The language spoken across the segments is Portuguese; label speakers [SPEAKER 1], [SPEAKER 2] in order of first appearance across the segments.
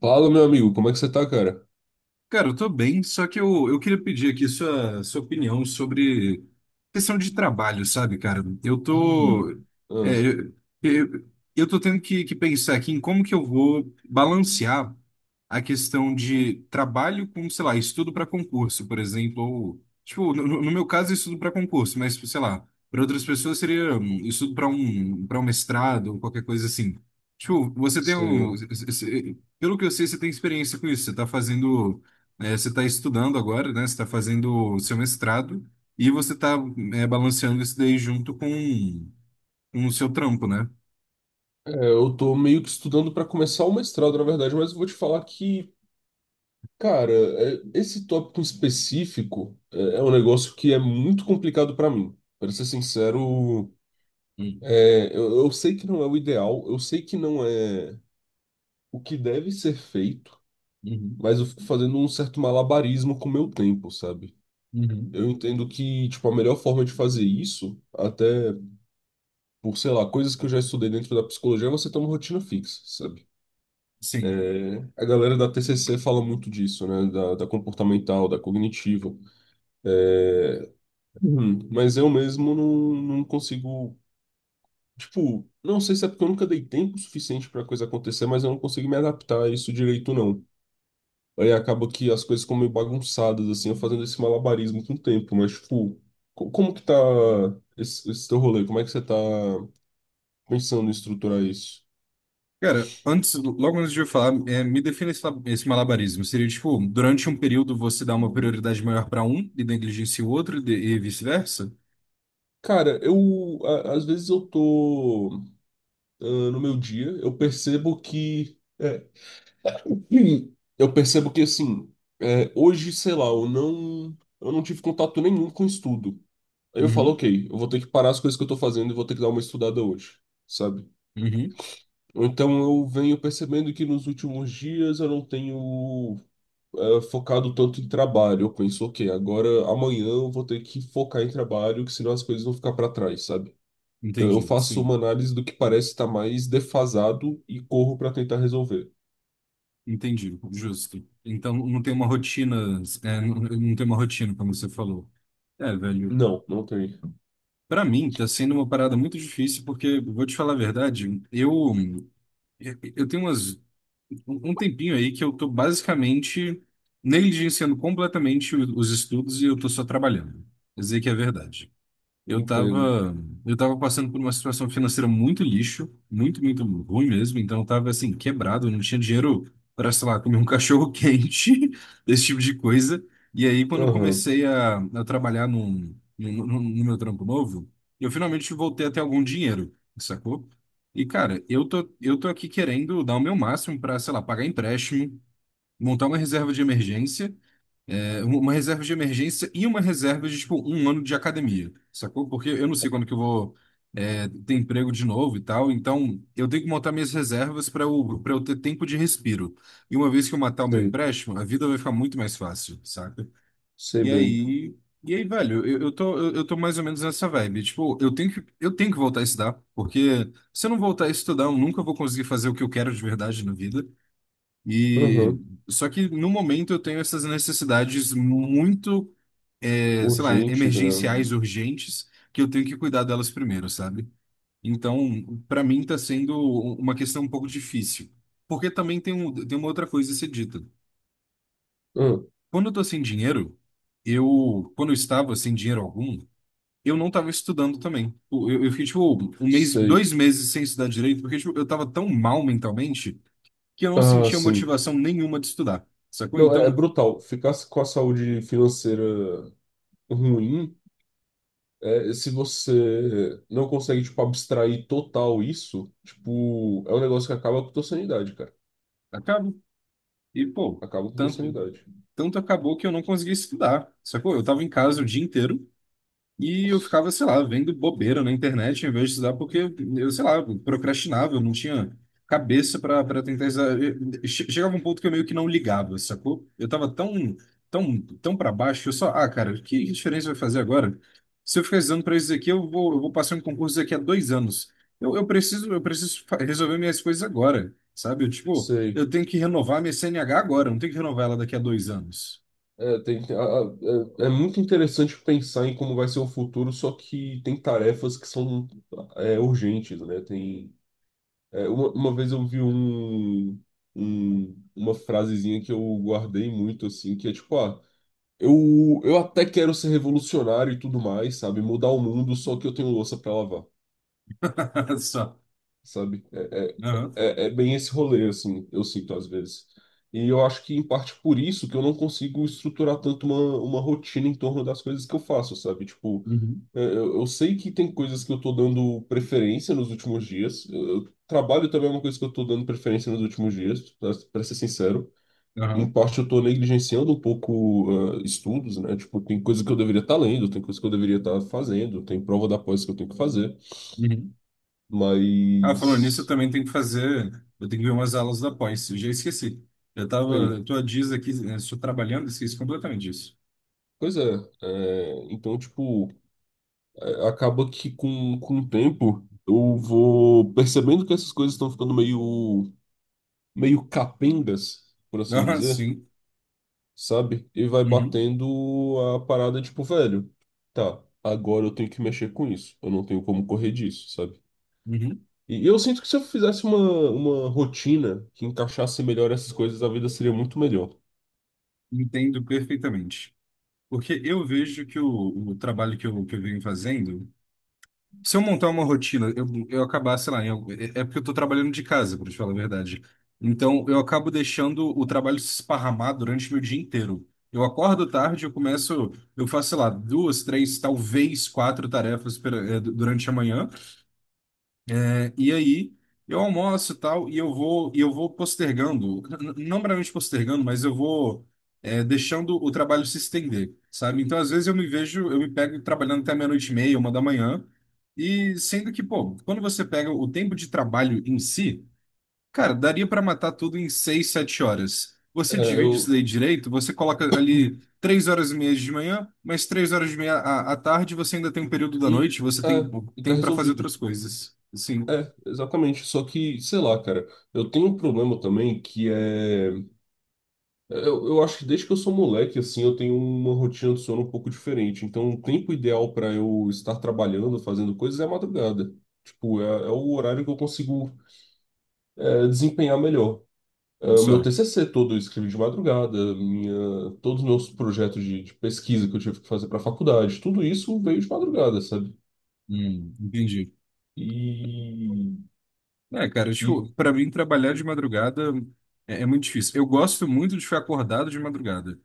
[SPEAKER 1] Fala, meu amigo, como é que você tá, cara?
[SPEAKER 2] Cara, eu tô bem, só que eu queria pedir aqui sua opinião sobre questão de trabalho, sabe, cara? Eu
[SPEAKER 1] E
[SPEAKER 2] tô,
[SPEAKER 1] Ah,
[SPEAKER 2] é, eu tô tendo que pensar aqui em como que eu vou balancear a questão de trabalho com, sei lá, estudo para concurso, por exemplo, ou, tipo, no meu caso, estudo para concurso, mas, sei lá, para outras pessoas seria estudo para para um mestrado ou qualquer coisa assim. Tipo, você tem
[SPEAKER 1] sei.
[SPEAKER 2] um, pelo que eu sei, você tem experiência com isso, você tá fazendo, você está estudando agora, né? Você está fazendo o seu mestrado e você está balanceando isso daí junto com o seu trampo, né?
[SPEAKER 1] Eu tô meio que estudando pra começar o mestrado, na verdade, mas eu vou te falar que, cara, esse tópico em específico é um negócio que é muito complicado pra mim. Pra ser sincero,
[SPEAKER 2] Hum.
[SPEAKER 1] eu sei que não é o ideal, eu sei que não é o que deve ser feito,
[SPEAKER 2] Uhum,
[SPEAKER 1] mas eu fico fazendo um certo malabarismo com o meu tempo, sabe?
[SPEAKER 2] uhum.
[SPEAKER 1] Eu entendo que, tipo, a melhor forma de fazer isso, até por, sei lá, coisas que eu já estudei dentro da psicologia, você tem uma rotina fixa, sabe?
[SPEAKER 2] Sim.
[SPEAKER 1] É, a galera da TCC fala muito disso, né? Da, da comportamental, da cognitiva. Uhum. Mas eu mesmo não consigo. Tipo, não sei se é porque eu nunca dei tempo suficiente pra coisa acontecer, mas eu não consigo me adaptar a isso direito, não. Aí acaba que as coisas ficam meio bagunçadas, assim, eu fazendo esse malabarismo com o tempo, mas, tipo, como que tá esse teu rolê? Como é que você tá pensando em estruturar isso?
[SPEAKER 2] Cara, antes, logo antes de eu falar, me defina esse, esse malabarismo. Seria tipo, durante um período você dá uma prioridade maior para um e negligencia o outro e vice-versa?
[SPEAKER 1] Cara, às vezes eu tô ah, no meu dia, eu percebo que eu percebo que assim, é, hoje, sei lá, eu não tive contato nenhum com estudo. Aí eu falo,
[SPEAKER 2] Uhum,
[SPEAKER 1] ok, eu vou ter que parar as coisas que eu tô fazendo e vou ter que dar uma estudada hoje, sabe?
[SPEAKER 2] uhum.
[SPEAKER 1] Ou então eu venho percebendo que nos últimos dias eu não tenho focado tanto em trabalho. Eu penso, ok, agora amanhã eu vou ter que focar em trabalho, que senão as coisas vão ficar pra trás, sabe? Eu
[SPEAKER 2] Entendi,
[SPEAKER 1] faço
[SPEAKER 2] sim.
[SPEAKER 1] uma análise do que parece estar mais defasado e corro para tentar resolver.
[SPEAKER 2] Entendi, justo. Então não tem uma rotina, não tem uma rotina, como você falou. É, velho.
[SPEAKER 1] Não, não tem.
[SPEAKER 2] Para mim, tá sendo uma parada muito difícil, porque, vou te falar a verdade, eu tenho umas, um tempinho aí que eu tô basicamente negligenciando completamente os estudos e eu tô só trabalhando. Dizer que é verdade. Eu
[SPEAKER 1] Entendo.
[SPEAKER 2] tava, eu tava passando por uma situação financeira muito lixo, muito, muito ruim mesmo. Então eu tava assim, quebrado, eu não tinha dinheiro para, sei lá, comer um cachorro quente, esse tipo de coisa. E aí, quando eu
[SPEAKER 1] Aham,
[SPEAKER 2] comecei a trabalhar no meu trampo novo, eu finalmente voltei a ter algum dinheiro, sacou? E, cara, eu tô aqui querendo dar o meu máximo para, sei lá, pagar empréstimo, montar uma reserva de Uma reserva de emergência e uma reserva de, tipo, um ano de academia, sacou? Porque eu não sei quando que eu vou ter emprego de novo e tal, então eu tenho que montar minhas reservas para eu ter tempo de respiro. E uma vez que eu matar o meu
[SPEAKER 1] sei.
[SPEAKER 2] empréstimo, a vida vai ficar muito mais fácil, saca?
[SPEAKER 1] Sei
[SPEAKER 2] E
[SPEAKER 1] bem.
[SPEAKER 2] aí, e aí, velho, eu tô mais ou menos nessa vibe. Tipo, eu tenho que voltar a estudar, porque se eu não voltar a estudar, eu nunca vou conseguir fazer o que eu quero de verdade na vida. E
[SPEAKER 1] Aham,
[SPEAKER 2] só que no momento eu tenho essas necessidades muito, sei lá,
[SPEAKER 1] urgentes, né?
[SPEAKER 2] emergenciais urgentes que eu tenho que cuidar delas primeiro, sabe? Então, para mim está sendo uma questão um pouco difícil. Porque também tem, um, tem uma outra coisa a ser dita.
[SPEAKER 1] Ah,
[SPEAKER 2] Quando eu tô sem dinheiro, eu, quando eu estava sem dinheiro algum, eu não estava estudando também. Eu, eu fiquei, tipo, um mês,
[SPEAKER 1] sei.
[SPEAKER 2] dois meses sem estudar direito, porque, tipo, eu estava tão mal mentalmente que eu não
[SPEAKER 1] Ah,
[SPEAKER 2] sentia
[SPEAKER 1] sim.
[SPEAKER 2] motivação nenhuma de estudar, sacou?
[SPEAKER 1] Não, é
[SPEAKER 2] Então,
[SPEAKER 1] brutal. Ficar com a saúde financeira ruim, é, se você não consegue, tipo, abstrair total isso, tipo, é um negócio que acaba com a tua sanidade, cara.
[SPEAKER 2] acaba. E, pô,
[SPEAKER 1] Acaba com a tua
[SPEAKER 2] tanto,
[SPEAKER 1] sanidade.
[SPEAKER 2] tanto acabou que eu não consegui estudar, sacou? Eu tava em casa o dia inteiro. E eu ficava, sei lá, vendo bobeira na internet em vez de estudar, porque eu, sei lá, procrastinava, eu não tinha cabeça para para tentar estudar. Chegava um ponto que eu meio que não ligava, sacou? Eu tava tão, tão, tão para baixo que eu só, ah, cara, que diferença vai fazer agora? Se eu ficar estudando para isso daqui, eu vou passar um concurso daqui a dois anos. Eu preciso, eu preciso resolver minhas coisas agora, sabe? Eu, tipo,
[SPEAKER 1] Sei.
[SPEAKER 2] eu tenho que renovar minha CNH agora, eu não tenho que renovar ela daqui a dois anos.
[SPEAKER 1] É, tem- a- a- é muito interessante pensar em como vai ser o futuro, só que tem tarefas que são urgentes, né? Tem, uma vez eu vi uma frasezinha que eu guardei muito, assim, que é tipo, ah, eu até quero ser revolucionário e tudo mais, sabe? Mudar o mundo, só que eu tenho louça pra lavar.
[SPEAKER 2] Só.
[SPEAKER 1] Sabe?
[SPEAKER 2] Aham.
[SPEAKER 1] É bem esse rolê, assim, eu sinto às vezes. E eu acho que, em parte, por isso que eu não consigo estruturar tanto uma rotina em torno das coisas que eu faço, sabe? Tipo,
[SPEAKER 2] Uhum.
[SPEAKER 1] eu sei que tem coisas que eu tô dando preferência nos últimos dias. Trabalho também é uma coisa que eu tô dando preferência nos últimos dias, pra ser sincero. Em
[SPEAKER 2] Aham.
[SPEAKER 1] parte, eu tô negligenciando um pouco, ah, estudos, né? Tipo, tem coisa que eu deveria estar lendo, tem coisa que eu deveria estar fazendo, tem prova da pós que eu tenho que fazer.
[SPEAKER 2] Uhum. Ah, falando nisso, eu
[SPEAKER 1] Mas...
[SPEAKER 2] também tenho que fazer. Eu tenho que ver umas aulas da pós. Eu já esqueci. Eu tava.
[SPEAKER 1] Ei,
[SPEAKER 2] Eu tô há dias aqui, né, estou trabalhando, esqueci completamente disso.
[SPEAKER 1] pois é, então, tipo, acaba que com o tempo eu vou percebendo que essas coisas estão ficando meio capengas, por assim
[SPEAKER 2] Ah,
[SPEAKER 1] dizer,
[SPEAKER 2] sim.
[SPEAKER 1] sabe? E vai
[SPEAKER 2] Uhum,
[SPEAKER 1] batendo a parada, tipo, velho, tá, agora eu tenho que mexer com isso, eu não tenho como correr disso, sabe?
[SPEAKER 2] uhum.
[SPEAKER 1] E eu sinto que se eu fizesse uma rotina que encaixasse melhor essas coisas, a vida seria muito melhor.
[SPEAKER 2] Entendo perfeitamente. Porque eu vejo que o trabalho que eu venho fazendo. Se eu montar uma rotina, eu acabar, sei lá, é porque eu tô trabalhando de casa, pra te falar a verdade. Então, eu acabo deixando o trabalho se esparramar durante meu dia inteiro. Eu acordo tarde, eu começo, eu faço, sei lá, duas, três, talvez quatro tarefas durante a manhã. E aí eu almoço e tal, e eu vou postergando, não meramente postergando, mas eu vou deixando o trabalho se estender, sabe? Então, às vezes eu me vejo, eu me pego trabalhando até meia-noite e meia, uma da manhã, e sendo que, pô, quando você pega o tempo de trabalho em si, cara, daria para matar tudo em seis, sete horas.
[SPEAKER 1] É,
[SPEAKER 2] Você divide isso
[SPEAKER 1] eu.
[SPEAKER 2] daí direito, você coloca ali três horas e meia de manhã, mais três horas e meia à tarde, você ainda tem um período da
[SPEAKER 1] E,
[SPEAKER 2] noite, você tem
[SPEAKER 1] é,
[SPEAKER 2] pô,
[SPEAKER 1] e tá
[SPEAKER 2] tempo para fazer
[SPEAKER 1] resolvido.
[SPEAKER 2] outras coisas. Assim,
[SPEAKER 1] Exatamente, só que, sei lá, cara, eu tenho um problema também que é. Eu acho que desde que eu sou moleque, assim, eu tenho uma rotina de sono um pouco diferente. Então, o tempo ideal para eu estar trabalhando, fazendo coisas é a madrugada. Tipo, é o horário que eu consigo, é, desempenhar melhor. É, o
[SPEAKER 2] Isso
[SPEAKER 1] meu
[SPEAKER 2] é.
[SPEAKER 1] TCC todo eu escrevi de madrugada, minha, todos os meus projetos de pesquisa que eu tive que fazer para faculdade, tudo isso veio de madrugada, sabe?
[SPEAKER 2] Entendi.
[SPEAKER 1] E.
[SPEAKER 2] É, cara, tipo,
[SPEAKER 1] E.
[SPEAKER 2] pra mim trabalhar de madrugada, é muito difícil. Eu gosto muito de ficar acordado de madrugada,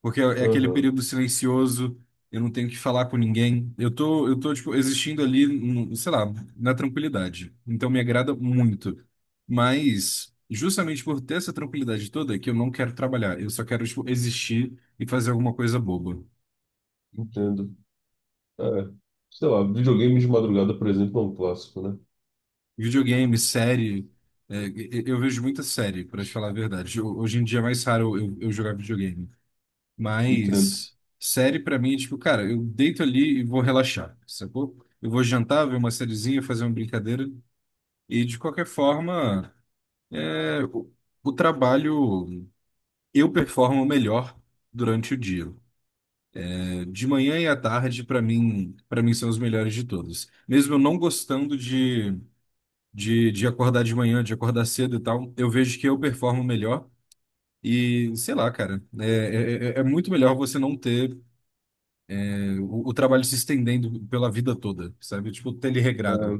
[SPEAKER 2] porque é aquele
[SPEAKER 1] Aham,
[SPEAKER 2] período silencioso, eu não tenho que falar com ninguém. Eu tô, tipo, existindo ali, sei lá, na tranquilidade. Então me agrada muito. Mas, justamente por ter essa tranquilidade toda, é que eu não quero trabalhar. Eu só quero, tipo, existir e fazer alguma coisa boba.
[SPEAKER 1] entendo. É, sei lá, videogame de madrugada, por exemplo, é um clássico, né?
[SPEAKER 2] Videogame, série. Eu vejo muita série, para te falar a verdade. Hoje em dia é mais raro eu jogar videogame.
[SPEAKER 1] Entendo.
[SPEAKER 2] Mas série para mim é tipo, cara, eu deito ali e vou relaxar, sacou? Eu vou jantar, ver uma sériezinha, fazer uma brincadeira. E de qualquer forma, é, o, o trabalho eu performo melhor durante o dia. É, de manhã e à tarde, para mim são os melhores de todos. Mesmo eu não gostando de acordar de manhã, de acordar cedo e tal, eu vejo que eu performo melhor. E sei lá, cara, é muito melhor você não ter o trabalho se estendendo pela vida toda, sabe? Tipo, ter ele regrado.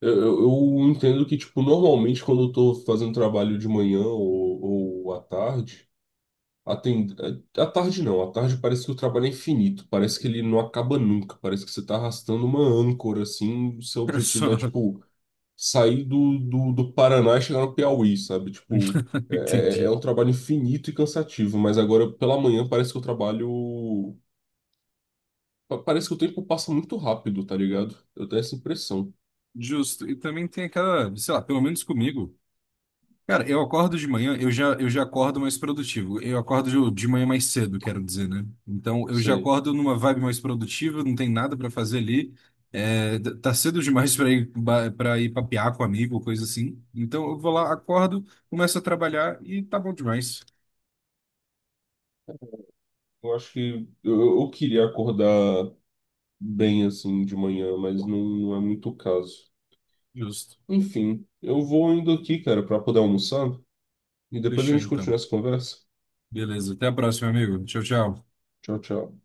[SPEAKER 1] Eu entendo que, tipo, normalmente quando eu tô fazendo trabalho de manhã ou à tarde, a ten- à tarde não, à tarde parece que o trabalho é infinito, parece que ele não acaba nunca, parece que você tá arrastando uma âncora, assim, o seu
[SPEAKER 2] Só,
[SPEAKER 1] objetivo é, tipo, sair do Paraná e chegar no Piauí, sabe? Tipo, é
[SPEAKER 2] entendi.
[SPEAKER 1] um trabalho infinito e cansativo, mas agora pela manhã parece que o trabalho parece que o tempo passa muito rápido, tá ligado? Eu tenho essa impressão.
[SPEAKER 2] Justo. E também tem aquela, sei lá, pelo menos comigo. Cara, eu acordo de manhã, eu já acordo mais produtivo. Eu acordo de manhã mais cedo, quero dizer, né? Então, eu já
[SPEAKER 1] Sei.
[SPEAKER 2] acordo numa vibe mais produtiva, não tem nada pra fazer ali. É, tá cedo demais pra ir para ir papear com amigo, coisa assim. Então, eu vou lá, acordo, começo a trabalhar e tá bom demais.
[SPEAKER 1] Eu acho que eu queria acordar bem assim de manhã, mas não é muito o caso.
[SPEAKER 2] Justo.
[SPEAKER 1] Enfim, eu vou indo aqui, cara, pra poder almoçar e depois a
[SPEAKER 2] Fechou
[SPEAKER 1] gente continua
[SPEAKER 2] então.
[SPEAKER 1] essa conversa.
[SPEAKER 2] Beleza, até a próxima, amigo. Tchau, tchau.
[SPEAKER 1] Tchau, tchau.